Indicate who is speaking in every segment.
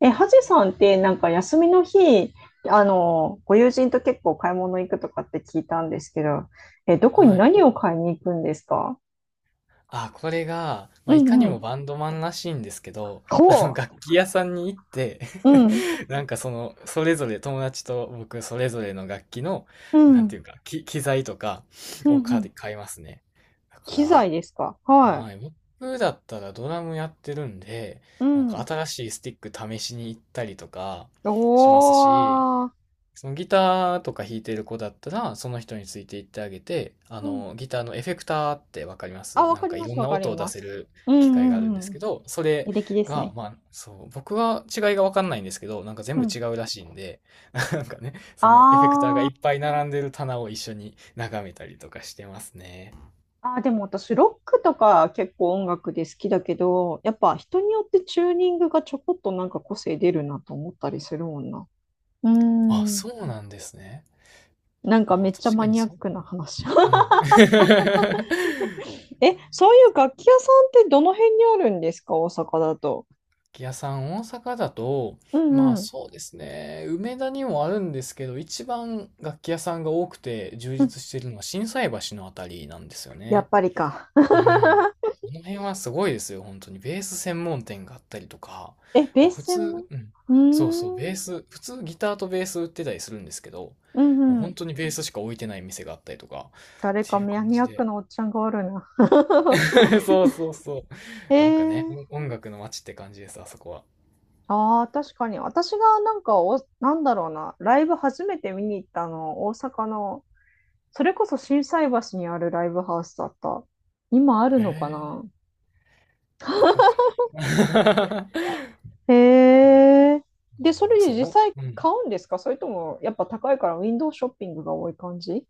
Speaker 1: ハジさんってなんか休みの日、ご友人と結構買い物行くとかって聞いたんですけど、どこに
Speaker 2: はい。
Speaker 1: 何を買いに行くんですか？
Speaker 2: あ、これが、ま
Speaker 1: う
Speaker 2: あ、いか
Speaker 1: ん
Speaker 2: に
Speaker 1: う
Speaker 2: も
Speaker 1: ん。
Speaker 2: バンドマンらしいんですけど、
Speaker 1: ほう。
Speaker 2: 楽器屋さんに行って
Speaker 1: うん。
Speaker 2: なんかその、それぞれ友達と僕それぞれの楽器の、
Speaker 1: う
Speaker 2: なん
Speaker 1: ん。
Speaker 2: ていうか、機材とか
Speaker 1: うん
Speaker 2: を
Speaker 1: う
Speaker 2: 買い
Speaker 1: ん。
Speaker 2: 買いますね。だ
Speaker 1: 機
Speaker 2: か
Speaker 1: 材ですか？は
Speaker 2: ら、
Speaker 1: い。
Speaker 2: はい、僕だったらドラムやってるんで、
Speaker 1: う
Speaker 2: なんか
Speaker 1: ん。
Speaker 2: 新しいスティック試しに行ったりとかしますし、
Speaker 1: おー。
Speaker 2: そのギターとか弾いてる子だったら、その人について行ってあげて、
Speaker 1: うん。
Speaker 2: ギターのエフェクターってわかりま
Speaker 1: あ、
Speaker 2: す？
Speaker 1: わ
Speaker 2: なん
Speaker 1: かり
Speaker 2: かい
Speaker 1: ま
Speaker 2: ろ
Speaker 1: す、
Speaker 2: ん
Speaker 1: わ
Speaker 2: な
Speaker 1: かり
Speaker 2: 音を出
Speaker 1: ま
Speaker 2: せ
Speaker 1: す。
Speaker 2: る
Speaker 1: うん
Speaker 2: 機
Speaker 1: う
Speaker 2: 械があるん
Speaker 1: んう
Speaker 2: です
Speaker 1: ん。
Speaker 2: けど、それ
Speaker 1: 履歴です
Speaker 2: が、
Speaker 1: ね。
Speaker 2: まあ、そう、僕は違いがわかんないんですけど、なんか全
Speaker 1: う
Speaker 2: 部
Speaker 1: ん。
Speaker 2: 違うらしいんで、なんかね、そのエフェクターが
Speaker 1: あ
Speaker 2: い
Speaker 1: あ
Speaker 2: っ
Speaker 1: ー。
Speaker 2: ぱい並んでる棚を一緒に眺めたりとかしてますね。
Speaker 1: ああ、でも私、ロックとか結構音楽で好きだけど、やっぱ人によってチューニングがちょこっとなんか個性出るなと思ったりするもんな。うー
Speaker 2: あ、
Speaker 1: ん。
Speaker 2: そうなんですね。
Speaker 1: なんか
Speaker 2: あ、
Speaker 1: めっちゃ
Speaker 2: 確
Speaker 1: マ
Speaker 2: かに
Speaker 1: ニアッ
Speaker 2: そう、
Speaker 1: クな話。
Speaker 2: うん。
Speaker 1: そういう楽器屋さんってどの辺にあるんですか、大阪だと？
Speaker 2: 楽器屋さん、大阪だと、
Speaker 1: う
Speaker 2: ま
Speaker 1: ん
Speaker 2: あ
Speaker 1: うん。
Speaker 2: そうですね、梅田にもあるんですけど、一番楽器屋さんが多くて充
Speaker 1: うん。
Speaker 2: 実してるのは心斎橋のあたりなんですよ
Speaker 1: やっ
Speaker 2: ね。
Speaker 1: ぱりか。
Speaker 2: う ん。この辺はすごいですよ、本当に。ベース専門店があったりとか、
Speaker 1: え、ベ
Speaker 2: ま
Speaker 1: ー
Speaker 2: あ普
Speaker 1: ス専門。
Speaker 2: 通、うん。
Speaker 1: う
Speaker 2: そうそう、ベ
Speaker 1: ー
Speaker 2: ー
Speaker 1: ん。
Speaker 2: ス、普通ギターとベース売ってたりするんですけど、
Speaker 1: う
Speaker 2: もう
Speaker 1: んう
Speaker 2: 本
Speaker 1: ん。
Speaker 2: 当にベースしか置いてない店があったりとか、
Speaker 1: 誰
Speaker 2: って
Speaker 1: か
Speaker 2: いう感
Speaker 1: マニア
Speaker 2: じ
Speaker 1: ッ
Speaker 2: で。
Speaker 1: クなおっちゃんがおるな。
Speaker 2: そうそうそう。
Speaker 1: え
Speaker 2: なんかね、
Speaker 1: ー。
Speaker 2: 音楽の街って感じです、あそこは。
Speaker 1: ああ、確かに。私がなんかなんだろうな、ライブ初めて見に行ったの、大阪の、それこそ心斎橋にあるライブハウスだった。今ある
Speaker 2: へ
Speaker 1: のか
Speaker 2: え。
Speaker 1: な。
Speaker 2: どこかな。
Speaker 1: へえ。で、そ
Speaker 2: もう
Speaker 1: れで実
Speaker 2: そ
Speaker 1: 際
Speaker 2: う。うん。
Speaker 1: 買うんですか？それとも、やっぱ高いからウィンドウショッピングが多い感じ？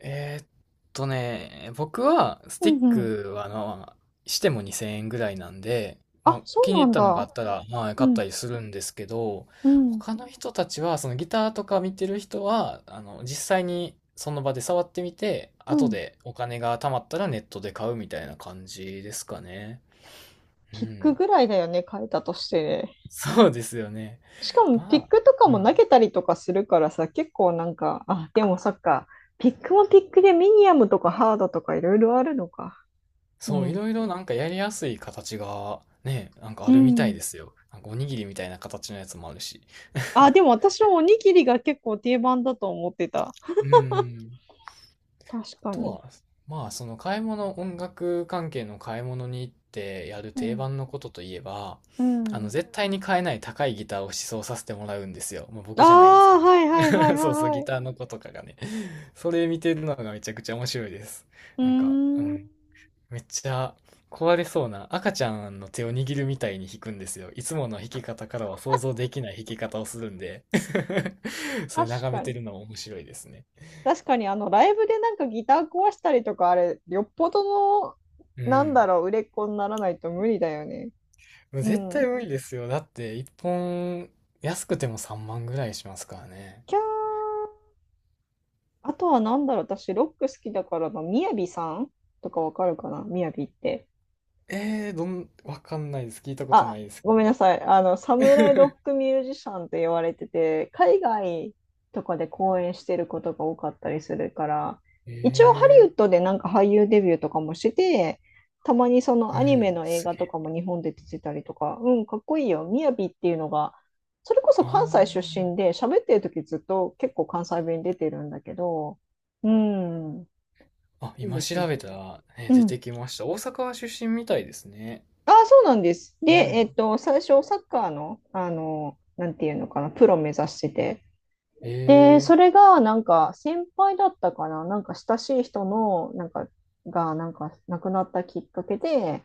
Speaker 2: えーっ僕はス
Speaker 1: う
Speaker 2: ティッ
Speaker 1: んうん。
Speaker 2: クはあの、しても2000円ぐらいなんで、ま
Speaker 1: あ、
Speaker 2: あ、
Speaker 1: そう
Speaker 2: 気に
Speaker 1: な
Speaker 2: 入っ
Speaker 1: ん
Speaker 2: たのがあ
Speaker 1: だ。
Speaker 2: ったら、まあ、買
Speaker 1: う
Speaker 2: った
Speaker 1: ん、
Speaker 2: りするんですけど、
Speaker 1: うん、
Speaker 2: 他の人たちは、そのギターとか見てる人は、あの、実際にその場で触ってみて、
Speaker 1: う
Speaker 2: 後
Speaker 1: ん。
Speaker 2: でお金が貯まったらネットで買うみたいな感じですかね。う
Speaker 1: ピック
Speaker 2: ん。
Speaker 1: ぐらいだよね、買えたとして。
Speaker 2: そうですよね。
Speaker 1: しかも
Speaker 2: ま
Speaker 1: ピッ
Speaker 2: あ、
Speaker 1: クとか
Speaker 2: う
Speaker 1: も
Speaker 2: ん。
Speaker 1: 投げたりとかするからさ、結構なんか、あ、でもそっか、ピックもピックでミニアムとかハードとかいろいろあるのか。う
Speaker 2: そう、い
Speaker 1: ん。
Speaker 2: ろいろなんかやりやすい形がね、なんか
Speaker 1: う
Speaker 2: あるみたい
Speaker 1: ん。
Speaker 2: ですよ。なんかおにぎりみたいな形のやつもあるし。
Speaker 1: あ、でも私もおにぎりが結構定番だと思ってた。
Speaker 2: うーん。あ
Speaker 1: 確か
Speaker 2: と
Speaker 1: に。
Speaker 2: は、まあその買い物、音楽関係の買い物に行ってやる
Speaker 1: う
Speaker 2: 定
Speaker 1: ん。
Speaker 2: 番のことといえば、
Speaker 1: う
Speaker 2: あの
Speaker 1: ん。
Speaker 2: 絶対に買えない高いギターを試奏させてもらうんですよ。まあ
Speaker 1: あ
Speaker 2: 僕じゃないですけ
Speaker 1: あ、
Speaker 2: ど。
Speaker 1: はいはいはい は
Speaker 2: そうそう、
Speaker 1: いは
Speaker 2: ギ
Speaker 1: い。
Speaker 2: ターの子とかがね。それ見てるのがめちゃくちゃ面白いです。
Speaker 1: うー
Speaker 2: なんか、う
Speaker 1: ん。
Speaker 2: ん。めっちゃ壊れそうな赤ちゃんの手を握るみたいに弾くんですよ。いつもの弾き方からは想像できない弾き方をするんで それ
Speaker 1: 確
Speaker 2: 眺め
Speaker 1: か
Speaker 2: て
Speaker 1: に。
Speaker 2: るのも面白いですね。
Speaker 1: 確かに、ライブでなんかギター壊したりとか、あれ、よっぽどの、
Speaker 2: う
Speaker 1: なんだ
Speaker 2: ん。
Speaker 1: ろう、売れっ子にならないと無理だよね。
Speaker 2: もう
Speaker 1: う
Speaker 2: 絶対
Speaker 1: ん。
Speaker 2: 無理ですよ。だって1本安くても3万ぐらいしますからね。
Speaker 1: キャー。あとはなんだろう、私、ロック好きだからな、みやびさんとかわかるかな、みやびって？
Speaker 2: わかんないです。聞いたことな
Speaker 1: あ、
Speaker 2: いですけ
Speaker 1: ごめんな
Speaker 2: ど。
Speaker 1: さい、サムライロック ミュージシャンって言われてて、海外とかで公演してることが多かったりするから、
Speaker 2: え
Speaker 1: 一応ハリ
Speaker 2: ー、
Speaker 1: ウッドでなんか俳優デビューとかもしてて、たまにその
Speaker 2: う
Speaker 1: アニメ
Speaker 2: ん、
Speaker 1: の映
Speaker 2: す
Speaker 1: 画
Speaker 2: げ
Speaker 1: と
Speaker 2: え。
Speaker 1: かも日本で出てたりとか、うん、かっこいいよ、みやびっていうのが、それこそ
Speaker 2: あ
Speaker 1: 関西出身で、喋ってる時ずっと結構関西弁出てるんだけど、うん、
Speaker 2: あ。あ、
Speaker 1: いい
Speaker 2: 今
Speaker 1: です
Speaker 2: 調
Speaker 1: ね。
Speaker 2: べたら、ね、
Speaker 1: う
Speaker 2: 出
Speaker 1: ん。
Speaker 2: てきました。大阪出身みたいですね。
Speaker 1: ああ、そうなんです。で、
Speaker 2: うん。
Speaker 1: 最初、サッカーの、なんていうのかな、プロ目指してて。で、そ
Speaker 2: ええ、
Speaker 1: れが、なんか、先輩だったかな、なんか、親しい人の、なんか、が、なんか、亡くなったきっかけで、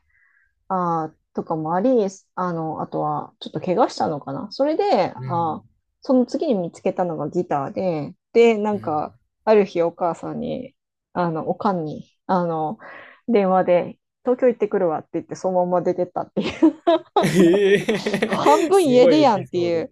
Speaker 1: あーとかもあり、あとは、ちょっと怪我したのかな。それで、
Speaker 2: う
Speaker 1: あ
Speaker 2: ん、
Speaker 1: ー、その次に見つけたのがギターで、で、な
Speaker 2: う
Speaker 1: ん
Speaker 2: ん、
Speaker 1: か、ある日お母さんに、おかんに、電話で、東京行ってくるわって言って、そのまま出てったっていう。
Speaker 2: え
Speaker 1: 半
Speaker 2: え。
Speaker 1: 分
Speaker 2: す
Speaker 1: 家
Speaker 2: ご
Speaker 1: 出
Speaker 2: いエ
Speaker 1: やんっ
Speaker 2: ピ
Speaker 1: て
Speaker 2: ソー
Speaker 1: い
Speaker 2: ド。
Speaker 1: う。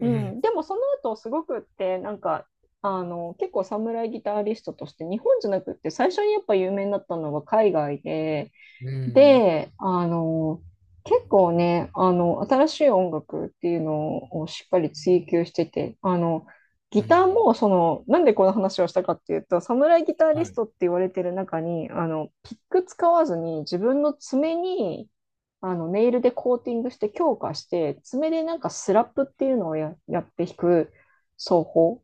Speaker 1: う
Speaker 2: うん。
Speaker 1: ん。でも、その後、すごくって、なんか、結構侍ギタリストとして、日本じゃなくって、最初にやっぱ有名になったのが海外で、
Speaker 2: うん、
Speaker 1: で、結構ね、新しい音楽っていうのをしっかり追求してて、
Speaker 2: う
Speaker 1: ギター
Speaker 2: ん、
Speaker 1: も、その、なんでこの話をしたかっていうと、侍ギタリ
Speaker 2: は
Speaker 1: ス
Speaker 2: い。
Speaker 1: トって言われてる中に、ピック使わずに自分の爪に、ネイルでコーティングして強化して、爪でなんかスラップっていうのをやって弾く奏法。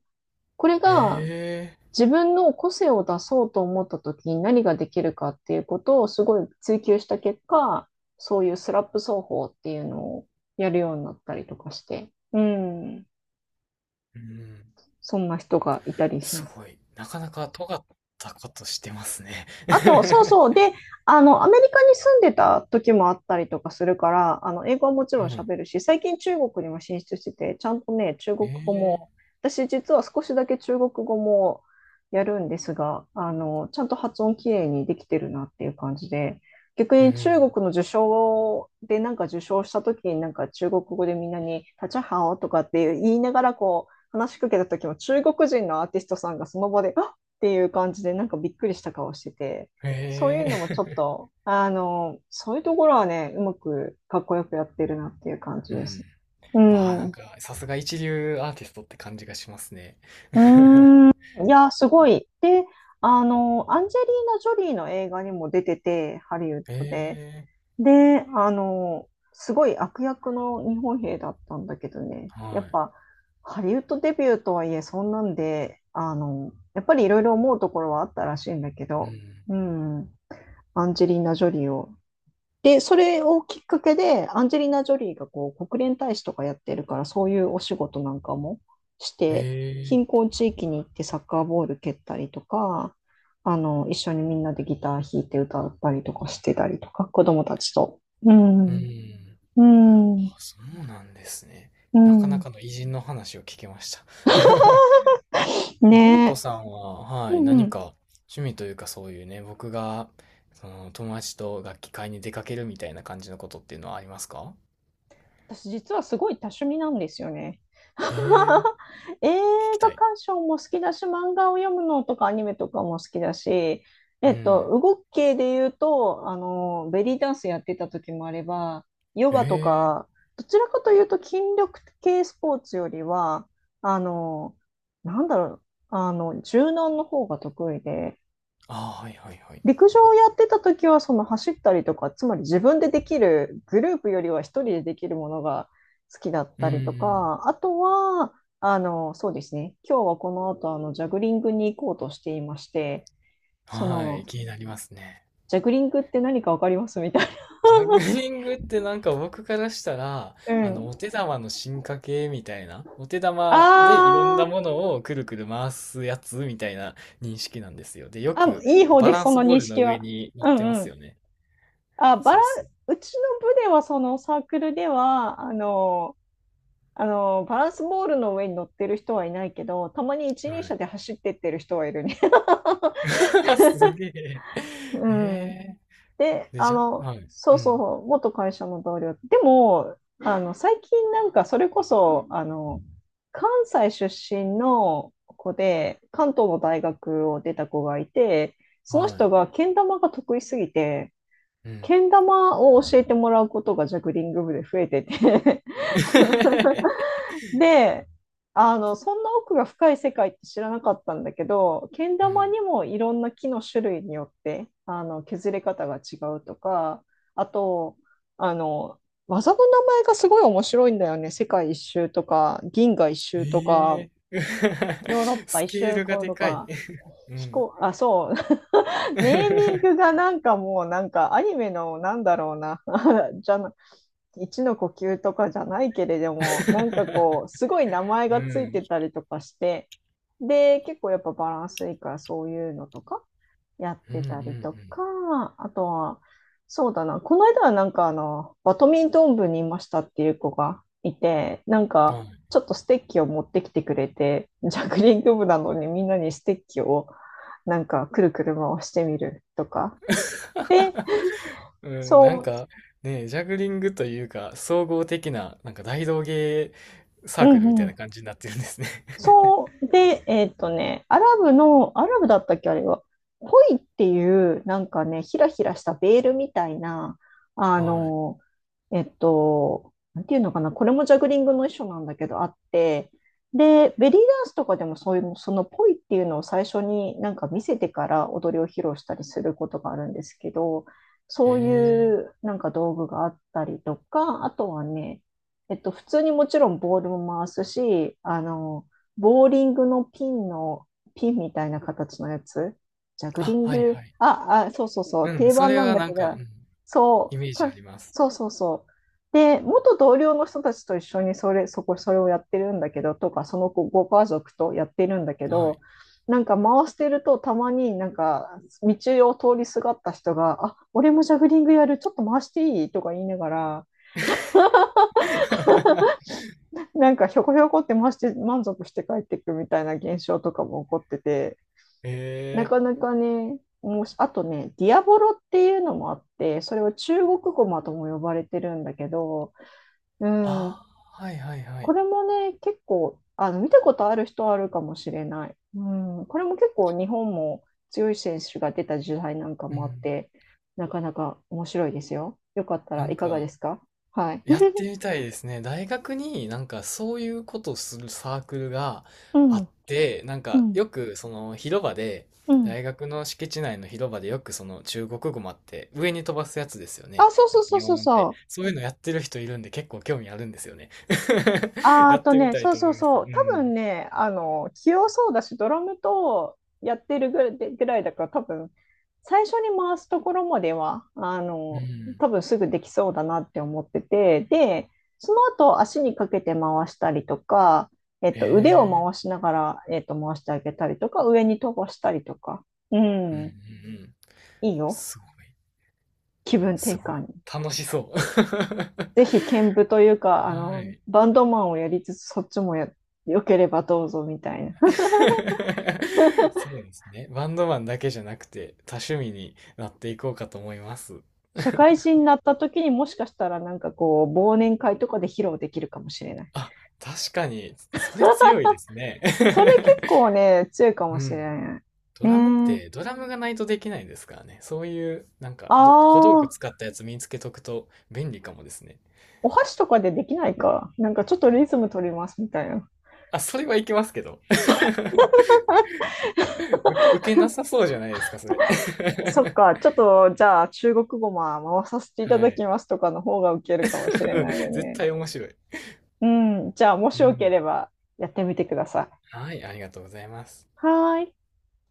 Speaker 1: これが、
Speaker 2: ええ、
Speaker 1: 自分の個性を出そうと思った時に何ができるかっていうことをすごい追求した結果、そういうスラップ奏法っていうのをやるようになったりとかして、うん、
Speaker 2: うん、
Speaker 1: そんな人がいたりし
Speaker 2: す
Speaker 1: ます。
Speaker 2: ごい。なかなか尖ったことしてますね。
Speaker 1: あと、そうそう。で、アメリカに住んでた時もあったりとかするから、英語はもちろ
Speaker 2: は
Speaker 1: ん
Speaker 2: い。
Speaker 1: 喋るし、最近中国にも進出してて、ちゃんとね、中
Speaker 2: え
Speaker 1: 国語
Speaker 2: え。
Speaker 1: も、私実は少しだけ中国語もやるんですが、ちゃんと発音きれいにできてるなっていう感じで、逆
Speaker 2: う
Speaker 1: に中
Speaker 2: ん。
Speaker 1: 国の受賞でなんか受賞した時になんか中国語でみんなに、タチャハオとかって言いながらこう、話しかけた時も中国人のアーティストさんがその場で、あっていう感じで、なんかびっくりした顔してて、そうい
Speaker 2: え。
Speaker 1: うのもちょっ と、そういうところはね、うまくかっこよくやってるなっていう感じ
Speaker 2: う
Speaker 1: です。
Speaker 2: ん。
Speaker 1: う
Speaker 2: わあ、な
Speaker 1: ん。
Speaker 2: ん
Speaker 1: う
Speaker 2: か、さすが一流アーティストって感じがしますね。
Speaker 1: ーん。いや、すごい。で、アンジェリーナ・ジョリーの映画にも出てて、ハリウッドで。
Speaker 2: ええ、
Speaker 1: で、すごい悪役の日本兵だったんだけどね、や
Speaker 2: は
Speaker 1: っぱ、ハリウッドデビューとはいえ、そんなんで、やっぱりいろいろ思うところはあったらしいんだけ
Speaker 2: い。う
Speaker 1: ど、
Speaker 2: ん。
Speaker 1: うん。アンジェリーナ・ジョリーを。で、それをきっかけで、アンジェリーナ・ジョリーがこう国連大使とかやってるから、そういうお仕事なんかもして、
Speaker 2: え
Speaker 1: 貧
Speaker 2: え、
Speaker 1: 困地域に行ってサッカーボール蹴ったりとか、一緒にみんなでギター弾いて歌ったりとかしてたりとか、子供たちと。う
Speaker 2: う
Speaker 1: ん、
Speaker 2: ん。
Speaker 1: うん、
Speaker 2: あ、そうなんですね。
Speaker 1: う
Speaker 2: なかな
Speaker 1: ん。
Speaker 2: かの偉人の話を聞けました。文
Speaker 1: ね
Speaker 2: 子さんは、
Speaker 1: え。
Speaker 2: は
Speaker 1: う
Speaker 2: い、
Speaker 1: んう
Speaker 2: 何
Speaker 1: ん。
Speaker 2: か趣味というかそういうね、僕が、その友達と楽器買いに出かけるみたいな感じのことっていうのはありますか？
Speaker 1: 私実はすごい多趣味なんですよね。
Speaker 2: ええー、
Speaker 1: 映
Speaker 2: 聞きた
Speaker 1: 画
Speaker 2: い。
Speaker 1: 鑑賞も好きだし、漫画を読むのとかアニメとかも好きだし、
Speaker 2: うん。
Speaker 1: 動き系で言うと、ベリーダンスやってた時もあれば、ヨ
Speaker 2: え
Speaker 1: ガと
Speaker 2: えー、
Speaker 1: か、どちらかというと筋力系スポーツよりは、あの、なんだろう、柔軟の方が得意で、
Speaker 2: ああ、はいはいはい。
Speaker 1: 陸上をやってた時は、その走ったりとか、つまり自分でできる、グループよりは一人でできるものが好きだっ
Speaker 2: う
Speaker 1: たりと
Speaker 2: ん。
Speaker 1: か、あとは、そうですね、今日はこの後、ジャグリングに行こうとしていまして、そ
Speaker 2: はい、
Speaker 1: の、
Speaker 2: 気になりますね。
Speaker 1: ジャグリングって何かわかります？みたいな。
Speaker 2: ジャグリングってなんか僕からしたら、
Speaker 1: う
Speaker 2: あの、
Speaker 1: ん。
Speaker 2: お手玉の進化系みたいな、お手玉でいろん
Speaker 1: あ
Speaker 2: なも
Speaker 1: ー、
Speaker 2: のをくるくる回すやつみたいな認識なんですよ。で、よ
Speaker 1: あ、
Speaker 2: く
Speaker 1: いい方
Speaker 2: バ
Speaker 1: です、
Speaker 2: ラン
Speaker 1: そ
Speaker 2: ス
Speaker 1: の
Speaker 2: ボー
Speaker 1: 認
Speaker 2: ルの
Speaker 1: 識
Speaker 2: 上
Speaker 1: は。
Speaker 2: に乗っ
Speaker 1: う
Speaker 2: てま
Speaker 1: んう
Speaker 2: す
Speaker 1: ん。
Speaker 2: よね。
Speaker 1: あ、
Speaker 2: そうっす。
Speaker 1: うちの部では、そのサークルでは、バランスボールの上に乗ってる人はいないけど、たまに一
Speaker 2: は
Speaker 1: 輪車
Speaker 2: い。
Speaker 1: で走ってってる人はいるね。
Speaker 2: すげえ。
Speaker 1: うん。
Speaker 2: え
Speaker 1: で、
Speaker 2: ー、で、ジャグ、はい。
Speaker 1: そ
Speaker 2: う
Speaker 1: うそう
Speaker 2: ん。
Speaker 1: そう、元会社の同僚。でも、最近なんかそれこそ、関西出身の子で、関東の大学を出た子がいて、その
Speaker 2: は
Speaker 1: 人がけん玉が得意すぎて、
Speaker 2: い。うん。
Speaker 1: けん玉を教えてもらうことがジャグリング部で増えてて で、そんな奥が深い世界って知らなかったんだけど、けん
Speaker 2: は
Speaker 1: 玉にもいろんな木の種類によって、削れ方が違うとか、あと、あの、技の名前がすごい面白いんだよね。世界一周とか、銀河一周と
Speaker 2: い。
Speaker 1: か、
Speaker 2: ええー。
Speaker 1: ヨーロッ パ
Speaker 2: ス
Speaker 1: 一
Speaker 2: ケー
Speaker 1: 周
Speaker 2: ルが
Speaker 1: 行
Speaker 2: で
Speaker 1: と
Speaker 2: かい。
Speaker 1: か、
Speaker 2: う
Speaker 1: 飛
Speaker 2: ん。
Speaker 1: 行、あ、そう、ネーミングがなんかもうなんかアニメのなんだろうな じゃな一の呼吸とかじゃないけれども、なんか こうすごい名前
Speaker 2: う
Speaker 1: がつい
Speaker 2: ん。
Speaker 1: てたりとかして、で結構やっぱバランスいいからそういうのとかやっ
Speaker 2: うん
Speaker 1: て
Speaker 2: う
Speaker 1: たりと
Speaker 2: ん
Speaker 1: か、あとは、そうだな、この間はなんかバドミントン部にいましたっていう子がいて、なん
Speaker 2: うん。は
Speaker 1: か、
Speaker 2: い。
Speaker 1: ちょっとステッキを持ってきてくれて、ジャグリング部なのにみんなにステッキをなんかくるくる回してみるとか、
Speaker 2: うん、なん
Speaker 1: そ
Speaker 2: かね、ジャグリングというか、総合的な、なんか大道芸サ
Speaker 1: う、
Speaker 2: ー
Speaker 1: う
Speaker 2: クルみ
Speaker 1: ん
Speaker 2: たい
Speaker 1: う
Speaker 2: な
Speaker 1: ん、
Speaker 2: 感じになってるんですね。
Speaker 1: そ う、で、アラブの、アラブだったっけ、あれは。ポイっていう、なんかね、ひらひらしたベールみたいな、あ
Speaker 2: は
Speaker 1: の、なんていうのかな、これもジャグリングの一種なんだけど、あって、で、ベリーダンスとかでもそういう、そのポイっていうのを最初になんか見せてから踊りを披露したりすることがあるんですけど、
Speaker 2: い。へ
Speaker 1: そうい
Speaker 2: え。
Speaker 1: うなんか道具があったりとか、あとはね、普通にもちろんボールも回すし、ボーリングのピンの、ピンみたいな形のやつジャグリ
Speaker 2: あ、
Speaker 1: ン
Speaker 2: はいは
Speaker 1: グ、
Speaker 2: い。
Speaker 1: あ、あ、そうそうそ
Speaker 2: う
Speaker 1: う、
Speaker 2: ん、
Speaker 1: 定
Speaker 2: そ
Speaker 1: 番
Speaker 2: れ
Speaker 1: なん
Speaker 2: は
Speaker 1: だ
Speaker 2: な
Speaker 1: け
Speaker 2: んか、う
Speaker 1: ど、
Speaker 2: ん、
Speaker 1: そ
Speaker 2: イ
Speaker 1: う、
Speaker 2: メージあ
Speaker 1: そ、
Speaker 2: ります。
Speaker 1: そうそうそう。で、元同僚の人たちと一緒にそれをやってるんだけど、とか、そのご家族とやってるんだけ
Speaker 2: は
Speaker 1: ど、
Speaker 2: い。
Speaker 1: なんか回してると、たまになんか、道を通りすがった人が、あ、俺もジャグリングやる、ちょっと回していいとか言いながら、なんかひょこひょこって回して満足して帰っていくみたいな現象とかも起こってて、
Speaker 2: へ
Speaker 1: なか
Speaker 2: え。
Speaker 1: なかね、もう、あとね、ディアボロっていうのもあって、それは中国語マとも呼ばれてるんだけど、うん、
Speaker 2: ああ、はいはいは
Speaker 1: こ
Speaker 2: い。
Speaker 1: れもね、結構、見たことある人はあるかもしれない。うん、これも結構日本も強い選手が出た時代なんか
Speaker 2: う
Speaker 1: もあっ
Speaker 2: ん。
Speaker 1: て、なかなか面白いですよ。よかった
Speaker 2: な
Speaker 1: らい
Speaker 2: ん
Speaker 1: かがで
Speaker 2: か、
Speaker 1: すか？はい。
Speaker 2: やってみたいですね。大学になんかそういうことをするサークルが
Speaker 1: う
Speaker 2: あっ
Speaker 1: ん、
Speaker 2: て、なん
Speaker 1: う
Speaker 2: か
Speaker 1: ん、
Speaker 2: よくその広場で、
Speaker 1: うん。
Speaker 2: 大学の敷地内の広場でよくその中国語もあって上に飛ばすやつですよね。
Speaker 1: あ、そう
Speaker 2: な
Speaker 1: そ
Speaker 2: ん
Speaker 1: う
Speaker 2: か
Speaker 1: そ
Speaker 2: ビ
Speaker 1: う
Speaker 2: ヨ
Speaker 1: そう
Speaker 2: ーンって。
Speaker 1: そう。
Speaker 2: そういうのやってる人いるんで結構興味あるんですよね。
Speaker 1: あ
Speaker 2: や
Speaker 1: ー
Speaker 2: っ
Speaker 1: と
Speaker 2: てみ
Speaker 1: ね、
Speaker 2: たい
Speaker 1: そう
Speaker 2: と思
Speaker 1: そう
Speaker 2: います。
Speaker 1: そ
Speaker 2: う
Speaker 1: う、多
Speaker 2: ん。
Speaker 1: 分ね、器用そうだし、ドラムとやってるぐらいだから、多分最初に回すところまでは、
Speaker 2: うん。
Speaker 1: 多分すぐできそうだなって思ってて、で、その後、足にかけて回したりとか、腕を
Speaker 2: ええ、
Speaker 1: 回しながら、回してあげたりとか、上に飛ばしたりとか、う
Speaker 2: うんうんう
Speaker 1: ん、
Speaker 2: ん。
Speaker 1: いいよ。
Speaker 2: すごい。
Speaker 1: 気分転
Speaker 2: すごい。
Speaker 1: 換に。
Speaker 2: 楽しそう。
Speaker 1: ぜひ、兼舞というか、
Speaker 2: はい。
Speaker 1: バンドマンをやりつつ、そっちもや、よければどうぞみたいな。
Speaker 2: そうですね。バンドマンだけじゃなくて、多趣味になっていこうかと思います。
Speaker 1: 社会 人になった時にもしかしたらなんかこう、忘年会とかで披露できるかもしれない。
Speaker 2: あ、確かに、それ強いですね。
Speaker 1: それ結構ね、強いか も
Speaker 2: う
Speaker 1: しれ
Speaker 2: ん。
Speaker 1: ない。
Speaker 2: ドラムっ
Speaker 1: ね
Speaker 2: て、
Speaker 1: え。
Speaker 2: ドラムがないとできないですからね。そういう、なん
Speaker 1: あ
Speaker 2: か、ど小道具
Speaker 1: あ、
Speaker 2: 使ったやつ身につけとくと便利かもですね。
Speaker 1: お箸とかでできないか。なんかちょっとリズム取りますみたいな。
Speaker 2: あ、それはいけますけど。受け、受けなさそうじゃないですか、それ。
Speaker 1: そっか、ちょっとじゃあ中国語も回させていた
Speaker 2: は
Speaker 1: だき
Speaker 2: い。
Speaker 1: ますとかの方がウケるかもしれないよ
Speaker 2: 絶
Speaker 1: ね。
Speaker 2: 対面白い。
Speaker 1: うん、じゃあもし
Speaker 2: う
Speaker 1: よけ
Speaker 2: ん。
Speaker 1: ればやってみてください。
Speaker 2: はい、ありがとうございます。
Speaker 1: はーい。